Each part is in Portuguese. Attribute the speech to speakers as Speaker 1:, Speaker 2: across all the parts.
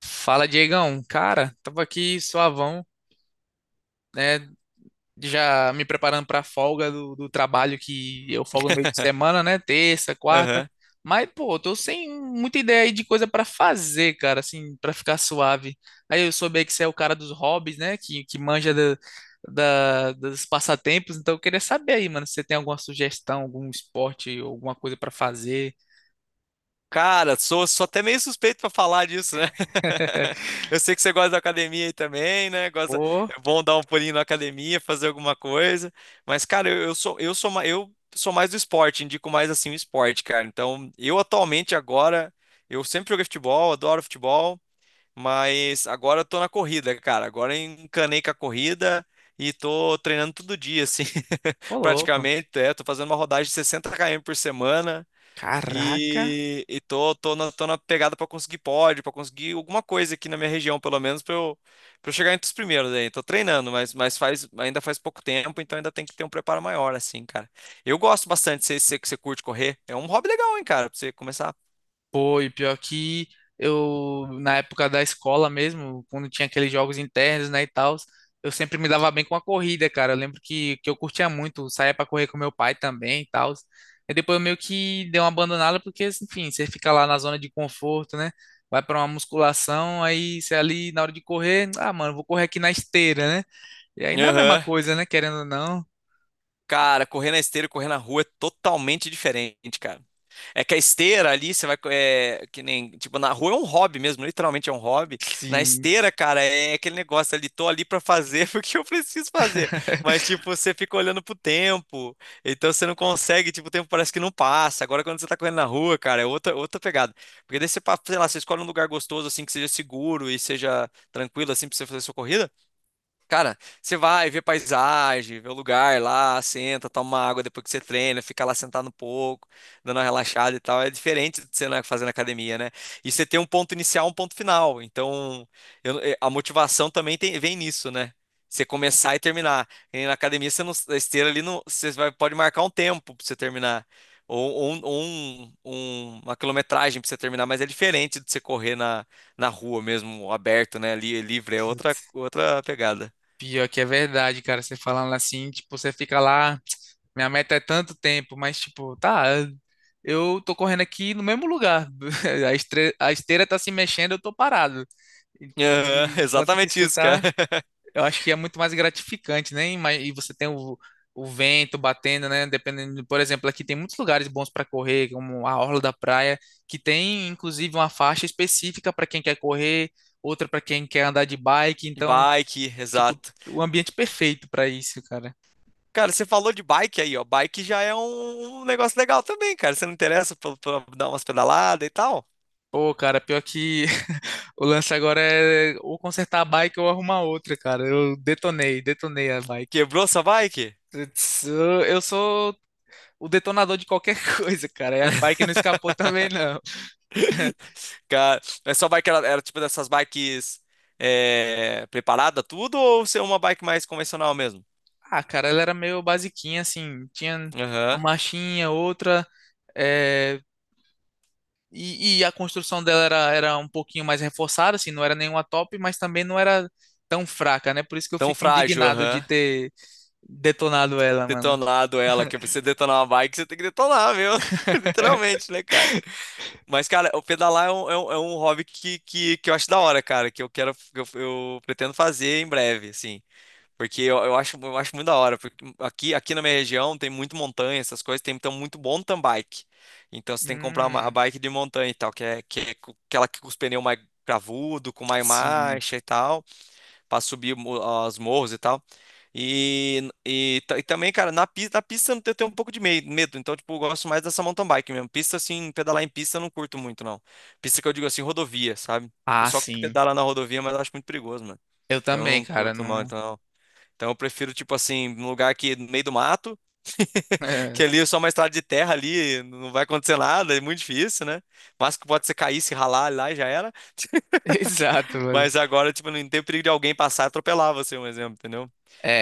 Speaker 1: Fala, Diegão. Cara, tava aqui suavão, né? Já me preparando pra folga do trabalho que eu folgo no meio de semana, né? Terça, quarta.
Speaker 2: Aham.
Speaker 1: Mas, pô, tô sem muita ideia aí de coisa pra fazer, cara, assim, pra ficar suave. Aí eu soube aí que você é o cara dos hobbies, né? Que manja da, dos passatempos. Então eu queria saber aí, mano, se você tem alguma sugestão, algum esporte, alguma coisa pra fazer.
Speaker 2: Cara, sou até meio suspeito pra falar disso, né? Eu sei que você gosta da academia aí também, né? Gosta,
Speaker 1: Ô,
Speaker 2: é bom dar um pulinho na academia, fazer alguma coisa. Mas, cara, eu sou mais do esporte, indico mais assim o esporte, cara. Então, eu atualmente agora, eu sempre joguei futebol, adoro futebol, mas agora eu tô na corrida, cara. Agora eu encanei com a corrida e tô treinando todo dia, assim,
Speaker 1: ô louco.
Speaker 2: praticamente. É, tô fazendo uma rodagem de 60 km por semana.
Speaker 1: Caraca.
Speaker 2: E, tô na pegada pra conseguir pra conseguir alguma coisa aqui na minha região, pelo menos, pra eu chegar entre os primeiros aí. Tô treinando, mas ainda faz pouco tempo, então ainda tem que ter um preparo maior, assim, cara. Eu gosto bastante, sei que você curte correr. É um hobby legal, hein, cara, pra você começar.
Speaker 1: Pô, e pior que eu, na época da escola mesmo, quando tinha aqueles jogos internos, né, e tal, eu sempre me dava bem com a corrida, cara. Eu lembro que eu curtia muito, saía pra correr com meu pai também e tal. E depois eu meio que dei uma abandonada, porque, enfim, você fica lá na zona de conforto, né? Vai pra uma musculação, aí você ali na hora de correr, ah, mano, vou correr aqui na esteira, né? E aí não é a mesma
Speaker 2: Aham.
Speaker 1: coisa, né? Querendo ou não.
Speaker 2: Cara, correr na esteira e correr na rua é totalmente diferente, cara. É que a esteira ali, você vai. É, que nem. Tipo, na rua é um hobby mesmo, literalmente é um hobby. Na
Speaker 1: Sim.
Speaker 2: esteira, cara, é aquele negócio ali, tô ali pra fazer porque eu preciso fazer. Mas, tipo, você fica olhando pro tempo, então você não consegue, tipo, o tempo parece que não passa. Agora, quando você tá correndo na rua, cara, é outra, outra pegada. Porque daí você, sei lá, você escolhe um lugar gostoso, assim, que seja seguro e seja tranquilo, assim, pra você fazer sua corrida. Cara, você vai ver paisagem, vê o lugar lá, senta, toma uma água depois que você treina, fica lá sentado um pouco, dando uma relaxada e tal. É diferente de você, né, fazer na academia, né? E você tem um ponto inicial, um ponto final. Então, a motivação também vem nisso, né? Você começar e terminar. E na academia, você não, na esteira ali, não, você vai, pode marcar um tempo pra você terminar. Uma quilometragem pra você terminar, mas é diferente de você correr na, na rua mesmo, aberto, né? Ali, livre, é outra, outra pegada.
Speaker 1: Pior que é verdade, cara. Você falando assim, tipo, você fica lá, minha meta é tanto tempo, mas tipo, tá, eu tô correndo aqui no mesmo lugar. A a esteira tá se mexendo, eu tô parado. E,
Speaker 2: Aham,
Speaker 1: e enquanto que
Speaker 2: exatamente
Speaker 1: você
Speaker 2: isso, cara.
Speaker 1: tá, eu acho que é muito mais gratificante, né? E e você tem o vento batendo, né? Dependendo, por exemplo, aqui tem muitos lugares bons para correr, como a Orla da Praia, que tem inclusive uma faixa específica para quem quer correr, outra para quem quer andar de bike, então.
Speaker 2: Bike,
Speaker 1: Tipo,
Speaker 2: exato.
Speaker 1: o ambiente perfeito pra isso, cara.
Speaker 2: Cara, você falou de bike aí, ó. Bike já é um negócio legal também, cara. Você não interessa pra dar umas pedaladas e tal?
Speaker 1: Pô, cara, pior que o lance agora é ou consertar a bike ou arrumar outra, cara. Eu detonei, detonei a bike.
Speaker 2: Quebrou sua bike?
Speaker 1: Putz, eu sou o detonador de qualquer coisa, cara. E a bike não escapou também, não.
Speaker 2: Cara, mas sua bike era tipo dessas bikes, é, preparada tudo ou ser uma bike mais convencional mesmo?
Speaker 1: Ah, cara, ela era meio basiquinha, assim. Tinha uma
Speaker 2: Aham.
Speaker 1: marchinha, outra. É, e, a construção dela era, era um pouquinho mais reforçada, assim, não era nenhuma top, mas também não era tão fraca, né? Por isso que eu
Speaker 2: Tão
Speaker 1: fico
Speaker 2: frágil,
Speaker 1: indignado de
Speaker 2: aham.
Speaker 1: ter detonado ela, mano.
Speaker 2: Detonado ela, que pra você detonar uma bike, você tem que detonar, meu. Literalmente, né, cara? Mas, cara, o pedalar é um hobby que eu acho da hora, cara, que eu quero, eu pretendo fazer em breve, assim. Porque eu acho muito da hora, porque aqui na minha região tem muito montanha, essas coisas, tem então muito mountain bike. Então você tem que comprar uma a
Speaker 1: Hum,
Speaker 2: bike de montanha e tal, aquela que com os pneus mais cravudo, com mais
Speaker 1: sim.
Speaker 2: marcha e tal para subir as morros e tal. E também, cara, na pista eu tenho um pouco de medo, então, tipo, eu gosto mais dessa mountain bike mesmo. Pista, assim, pedalar em pista eu não curto muito, não. Pista que eu digo assim, rodovia, sabe? O
Speaker 1: Ah,
Speaker 2: pessoal que
Speaker 1: sim.
Speaker 2: pedala na rodovia, mas eu acho muito perigoso, mano.
Speaker 1: Eu
Speaker 2: Eu
Speaker 1: também,
Speaker 2: não
Speaker 1: cara.
Speaker 2: curto, não,
Speaker 1: Não.
Speaker 2: então. Então eu prefiro, tipo assim, um lugar que no meio do mato,
Speaker 1: É,
Speaker 2: que ali é só uma estrada de terra ali, não vai acontecer nada, é muito difícil, né? Mas que pode ser cair, se ralar lá e já era.
Speaker 1: exato, mano.
Speaker 2: Mas agora, tipo, não tem perigo de alguém passar e atropelar você, um exemplo, entendeu?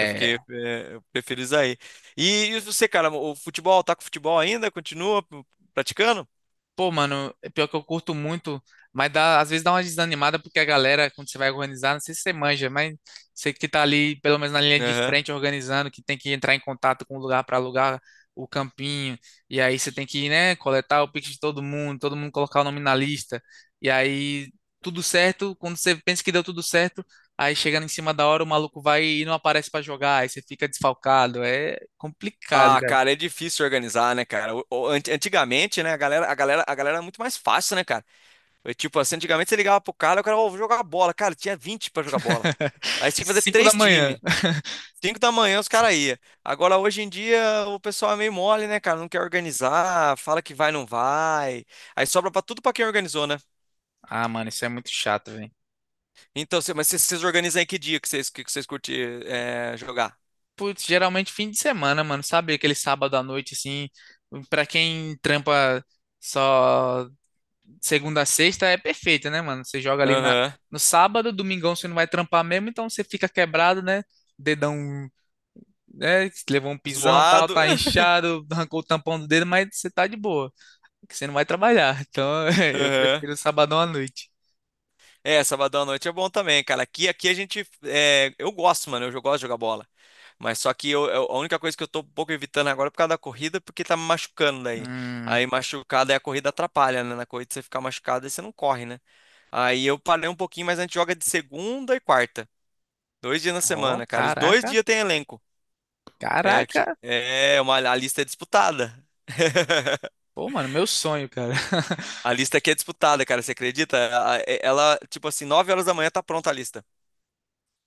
Speaker 2: Eu fiquei, é, eu prefiro isso aí. E você, cara, o futebol, tá com futebol ainda? Continua praticando?
Speaker 1: Pô, mano, é pior que eu curto muito, mas dá, às vezes dá uma desanimada porque a galera, quando você vai organizar, não sei se você manja, mas você que tá ali, pelo menos na linha de
Speaker 2: Aham.
Speaker 1: frente, organizando, que tem que entrar em contato com o lugar para alugar o campinho, e aí você tem que, né, coletar o pix de todo mundo colocar o nome na lista, e aí tudo certo, quando você pensa que deu tudo certo, aí chegando em cima da hora, o maluco vai e não aparece para jogar, aí você fica desfalcado, é complicado,
Speaker 2: Ah,
Speaker 1: cara.
Speaker 2: cara, é difícil organizar, né, cara? Antigamente, né, a galera era muito mais fácil, né, cara? É tipo assim, antigamente você ligava pro cara, o cara, ô, vou jogar bola. Cara, tinha 20 pra jogar bola. Aí você tinha que fazer
Speaker 1: Cinco da
Speaker 2: três
Speaker 1: manhã.
Speaker 2: times. 5 da manhã os caras iam. Agora, hoje em dia, o pessoal é meio mole, né, cara? Não quer organizar, fala que vai, não vai. Aí sobra pra tudo pra quem organizou, né?
Speaker 1: Ah, mano, isso é muito chato, velho.
Speaker 2: Então, mas vocês organizam em que dia que vocês curtir, é, jogar?
Speaker 1: Putz, geralmente fim de semana, mano, sabe? Aquele sábado à noite, assim, pra quem trampa só segunda a sexta, é perfeito, né, mano? Você joga ali na...
Speaker 2: Aham.
Speaker 1: no sábado, domingão você não vai trampar mesmo, então você fica quebrado, né? Dedão, né? Levou um pisão, tal,
Speaker 2: Zoado.
Speaker 1: tá inchado, arrancou o tampão do dedo, mas você tá de boa, porque você não vai trabalhar. Então, eu
Speaker 2: Aham.
Speaker 1: prefiro sabadão à noite.
Speaker 2: É, sabadão à noite é bom também, cara. Aqui, aqui a gente, é, eu gosto, mano. Eu, gosto de jogar bola. Mas só que a única coisa que eu tô um pouco evitando agora é por causa da corrida, porque tá me machucando daí.
Speaker 1: Hum,
Speaker 2: Aí machucado, aí a corrida atrapalha, né? Na corrida você fica machucado e você não corre, né? Aí eu parei um pouquinho, mas a gente joga de segunda e quarta. Dois dias na
Speaker 1: ó,
Speaker 2: semana, cara. Os dois
Speaker 1: caraca,
Speaker 2: dias tem elenco. É, aqui,
Speaker 1: caraca.
Speaker 2: é uma, a lista é disputada.
Speaker 1: Pô, mano, meu sonho, cara.
Speaker 2: A lista aqui é disputada, cara, você acredita? Ela, tipo assim, 9 horas da manhã tá pronta a lista.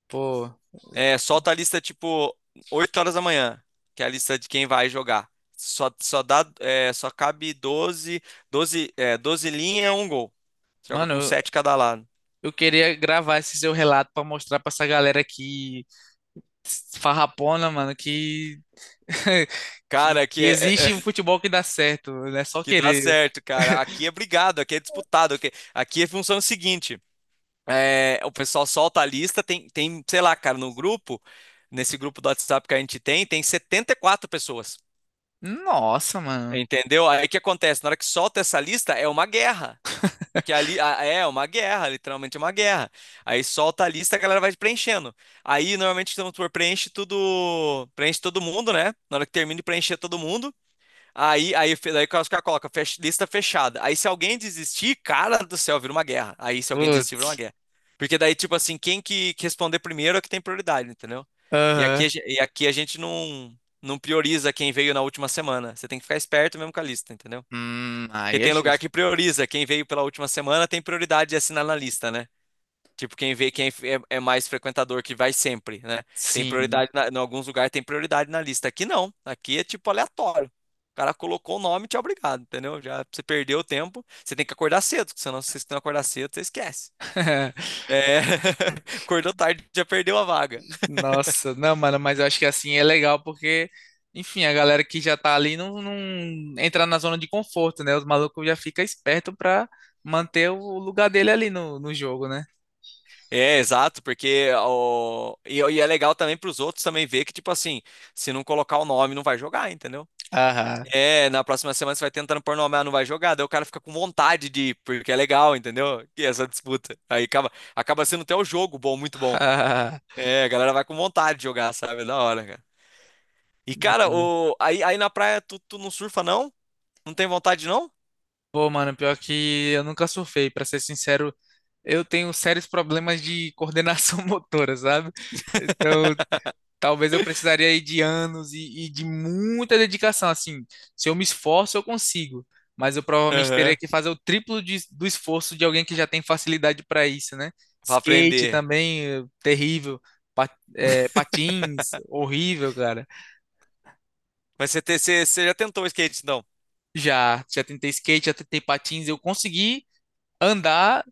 Speaker 1: Pô.
Speaker 2: É, solta a lista, tipo, 8 horas da manhã, que é a lista de quem vai jogar. Só, só dá, é, só cabe 12 linhas, um gol. Joga
Speaker 1: Mano,
Speaker 2: com
Speaker 1: eu,
Speaker 2: 7 cada lado.
Speaker 1: queria gravar esse seu relato pra mostrar pra essa galera que farrapona, mano, que,
Speaker 2: Cara,
Speaker 1: que existe um futebol que dá certo, né? Só
Speaker 2: que dá
Speaker 1: querer.
Speaker 2: certo, cara. Aqui é brigado, aqui é disputado. Aqui, aqui é função seguinte. É, o pessoal solta a lista, tem sei lá, cara, no grupo, nesse grupo do WhatsApp que a gente tem, tem 74 pessoas.
Speaker 1: Nossa, mano.
Speaker 2: Entendeu? Aí o que acontece? Na hora que solta essa lista, é uma guerra. Porque ali é uma guerra, literalmente uma guerra. Aí solta a lista, a galera vai preenchendo. Aí normalmente então, tu preenche tudo, preenche todo mundo, né? Na hora que termina de preencher todo mundo, daí os caras colocam lista fechada. Aí se alguém desistir, cara do céu, vira uma guerra. Aí se alguém desistir, vira uma
Speaker 1: Putz.
Speaker 2: guerra. Porque daí, tipo assim, quem que responder primeiro é que tem prioridade, entendeu? E
Speaker 1: Aham.
Speaker 2: aqui, a gente não prioriza quem veio na última semana. Você tem que ficar esperto mesmo com a lista, entendeu? Porque
Speaker 1: Aí é
Speaker 2: tem lugar que
Speaker 1: justo.
Speaker 2: prioriza. Quem veio pela última semana tem prioridade de assinar na lista, né? Tipo, quem vê quem é, é mais frequentador que vai sempre, né? Tem
Speaker 1: Sim.
Speaker 2: prioridade, na, em alguns lugares tem prioridade na lista. Aqui não, aqui é tipo aleatório. O cara colocou o nome, e te é obrigado, entendeu? Já você perdeu o tempo, você tem que acordar cedo, porque senão se você não acordar cedo, você esquece. É, acordou tarde, já perdeu a vaga.
Speaker 1: Nossa, não, mano, mas eu acho que assim é legal porque, enfim, a galera que já tá ali não entra na zona de conforto, né? Os malucos já ficam espertos pra manter o lugar dele ali no jogo, né?
Speaker 2: É, exato, porque o, e é legal também para os outros também ver que, tipo assim, se não colocar o nome, não vai jogar, entendeu?
Speaker 1: Aham.
Speaker 2: É, na próxima semana você vai tentando pôr no homem, ah, não vai jogar, daí o cara fica com vontade de ir, porque é legal, entendeu? E essa disputa. Acaba sendo até o jogo bom, muito bom.
Speaker 1: Ah,
Speaker 2: É, a galera vai com vontade de jogar, sabe? É da hora, cara. E, cara, o, aí na praia tu não surfa, não? Não tem vontade, não?
Speaker 1: pô, mano, pior que eu nunca surfei, pra ser sincero, eu tenho sérios problemas de coordenação motora, sabe? Então, talvez eu precisaria aí de anos e de muita dedicação, assim. Se eu me esforço, eu consigo, mas eu provavelmente teria
Speaker 2: Aham.
Speaker 1: que fazer o triplo do esforço de alguém que já tem facilidade pra isso, né?
Speaker 2: Pra
Speaker 1: Skate
Speaker 2: aprender.
Speaker 1: também, terrível. Pa- patins, horrível, cara.
Speaker 2: Mas você já tentou o skate, então?
Speaker 1: Já, já tentei skate, já tentei patins, eu consegui andar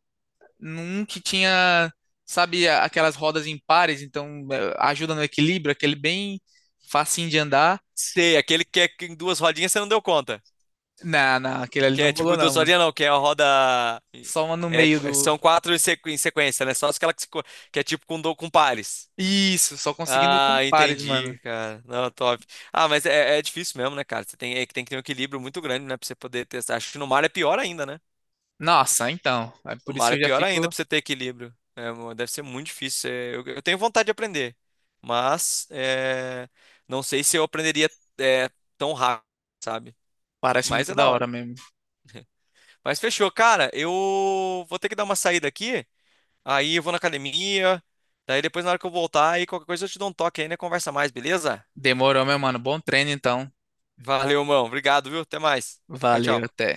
Speaker 1: num que tinha, sabe, aquelas rodas impares, então ajuda no equilíbrio, aquele bem facinho de andar.
Speaker 2: Sei, aquele que é em duas rodinhas você não deu conta.
Speaker 1: Não, não, aquele ali
Speaker 2: Que
Speaker 1: não
Speaker 2: é
Speaker 1: rolou
Speaker 2: tipo
Speaker 1: não,
Speaker 2: duas
Speaker 1: mano.
Speaker 2: rodinhas, não, que é a roda.
Speaker 1: Só uma no
Speaker 2: É,
Speaker 1: meio do.
Speaker 2: são quatro em sequência, né? Só aquela que, se co- que é tipo com, com pares.
Speaker 1: Isso, só conseguindo com
Speaker 2: Ah,
Speaker 1: pares, mano.
Speaker 2: entendi, cara. Não, top. Ah, mas é, é difícil mesmo, né, cara? Você tem, é que tem que ter um equilíbrio muito grande, né, pra você poder testar. Acho que no mar é pior ainda, né?
Speaker 1: Nossa, então. É
Speaker 2: No
Speaker 1: por isso
Speaker 2: mar
Speaker 1: que
Speaker 2: é
Speaker 1: eu já
Speaker 2: pior ainda
Speaker 1: fico.
Speaker 2: pra você ter equilíbrio. É, deve ser muito difícil. É, eu tenho vontade de aprender, mas é, não sei se eu aprenderia, é, tão rápido, sabe?
Speaker 1: Parece
Speaker 2: Mas
Speaker 1: muito
Speaker 2: é da
Speaker 1: da hora
Speaker 2: hora.
Speaker 1: mesmo.
Speaker 2: Mas fechou, cara. Eu vou ter que dar uma saída aqui. Aí eu vou na academia. Daí depois, na hora que eu voltar, aí qualquer coisa eu te dou um toque aí, né? Conversa mais, beleza?
Speaker 1: Demorou, meu mano. Bom treino, então.
Speaker 2: Valeu, mão. Obrigado, viu? Até mais. Tchau,
Speaker 1: Valeu,
Speaker 2: tchau.
Speaker 1: até.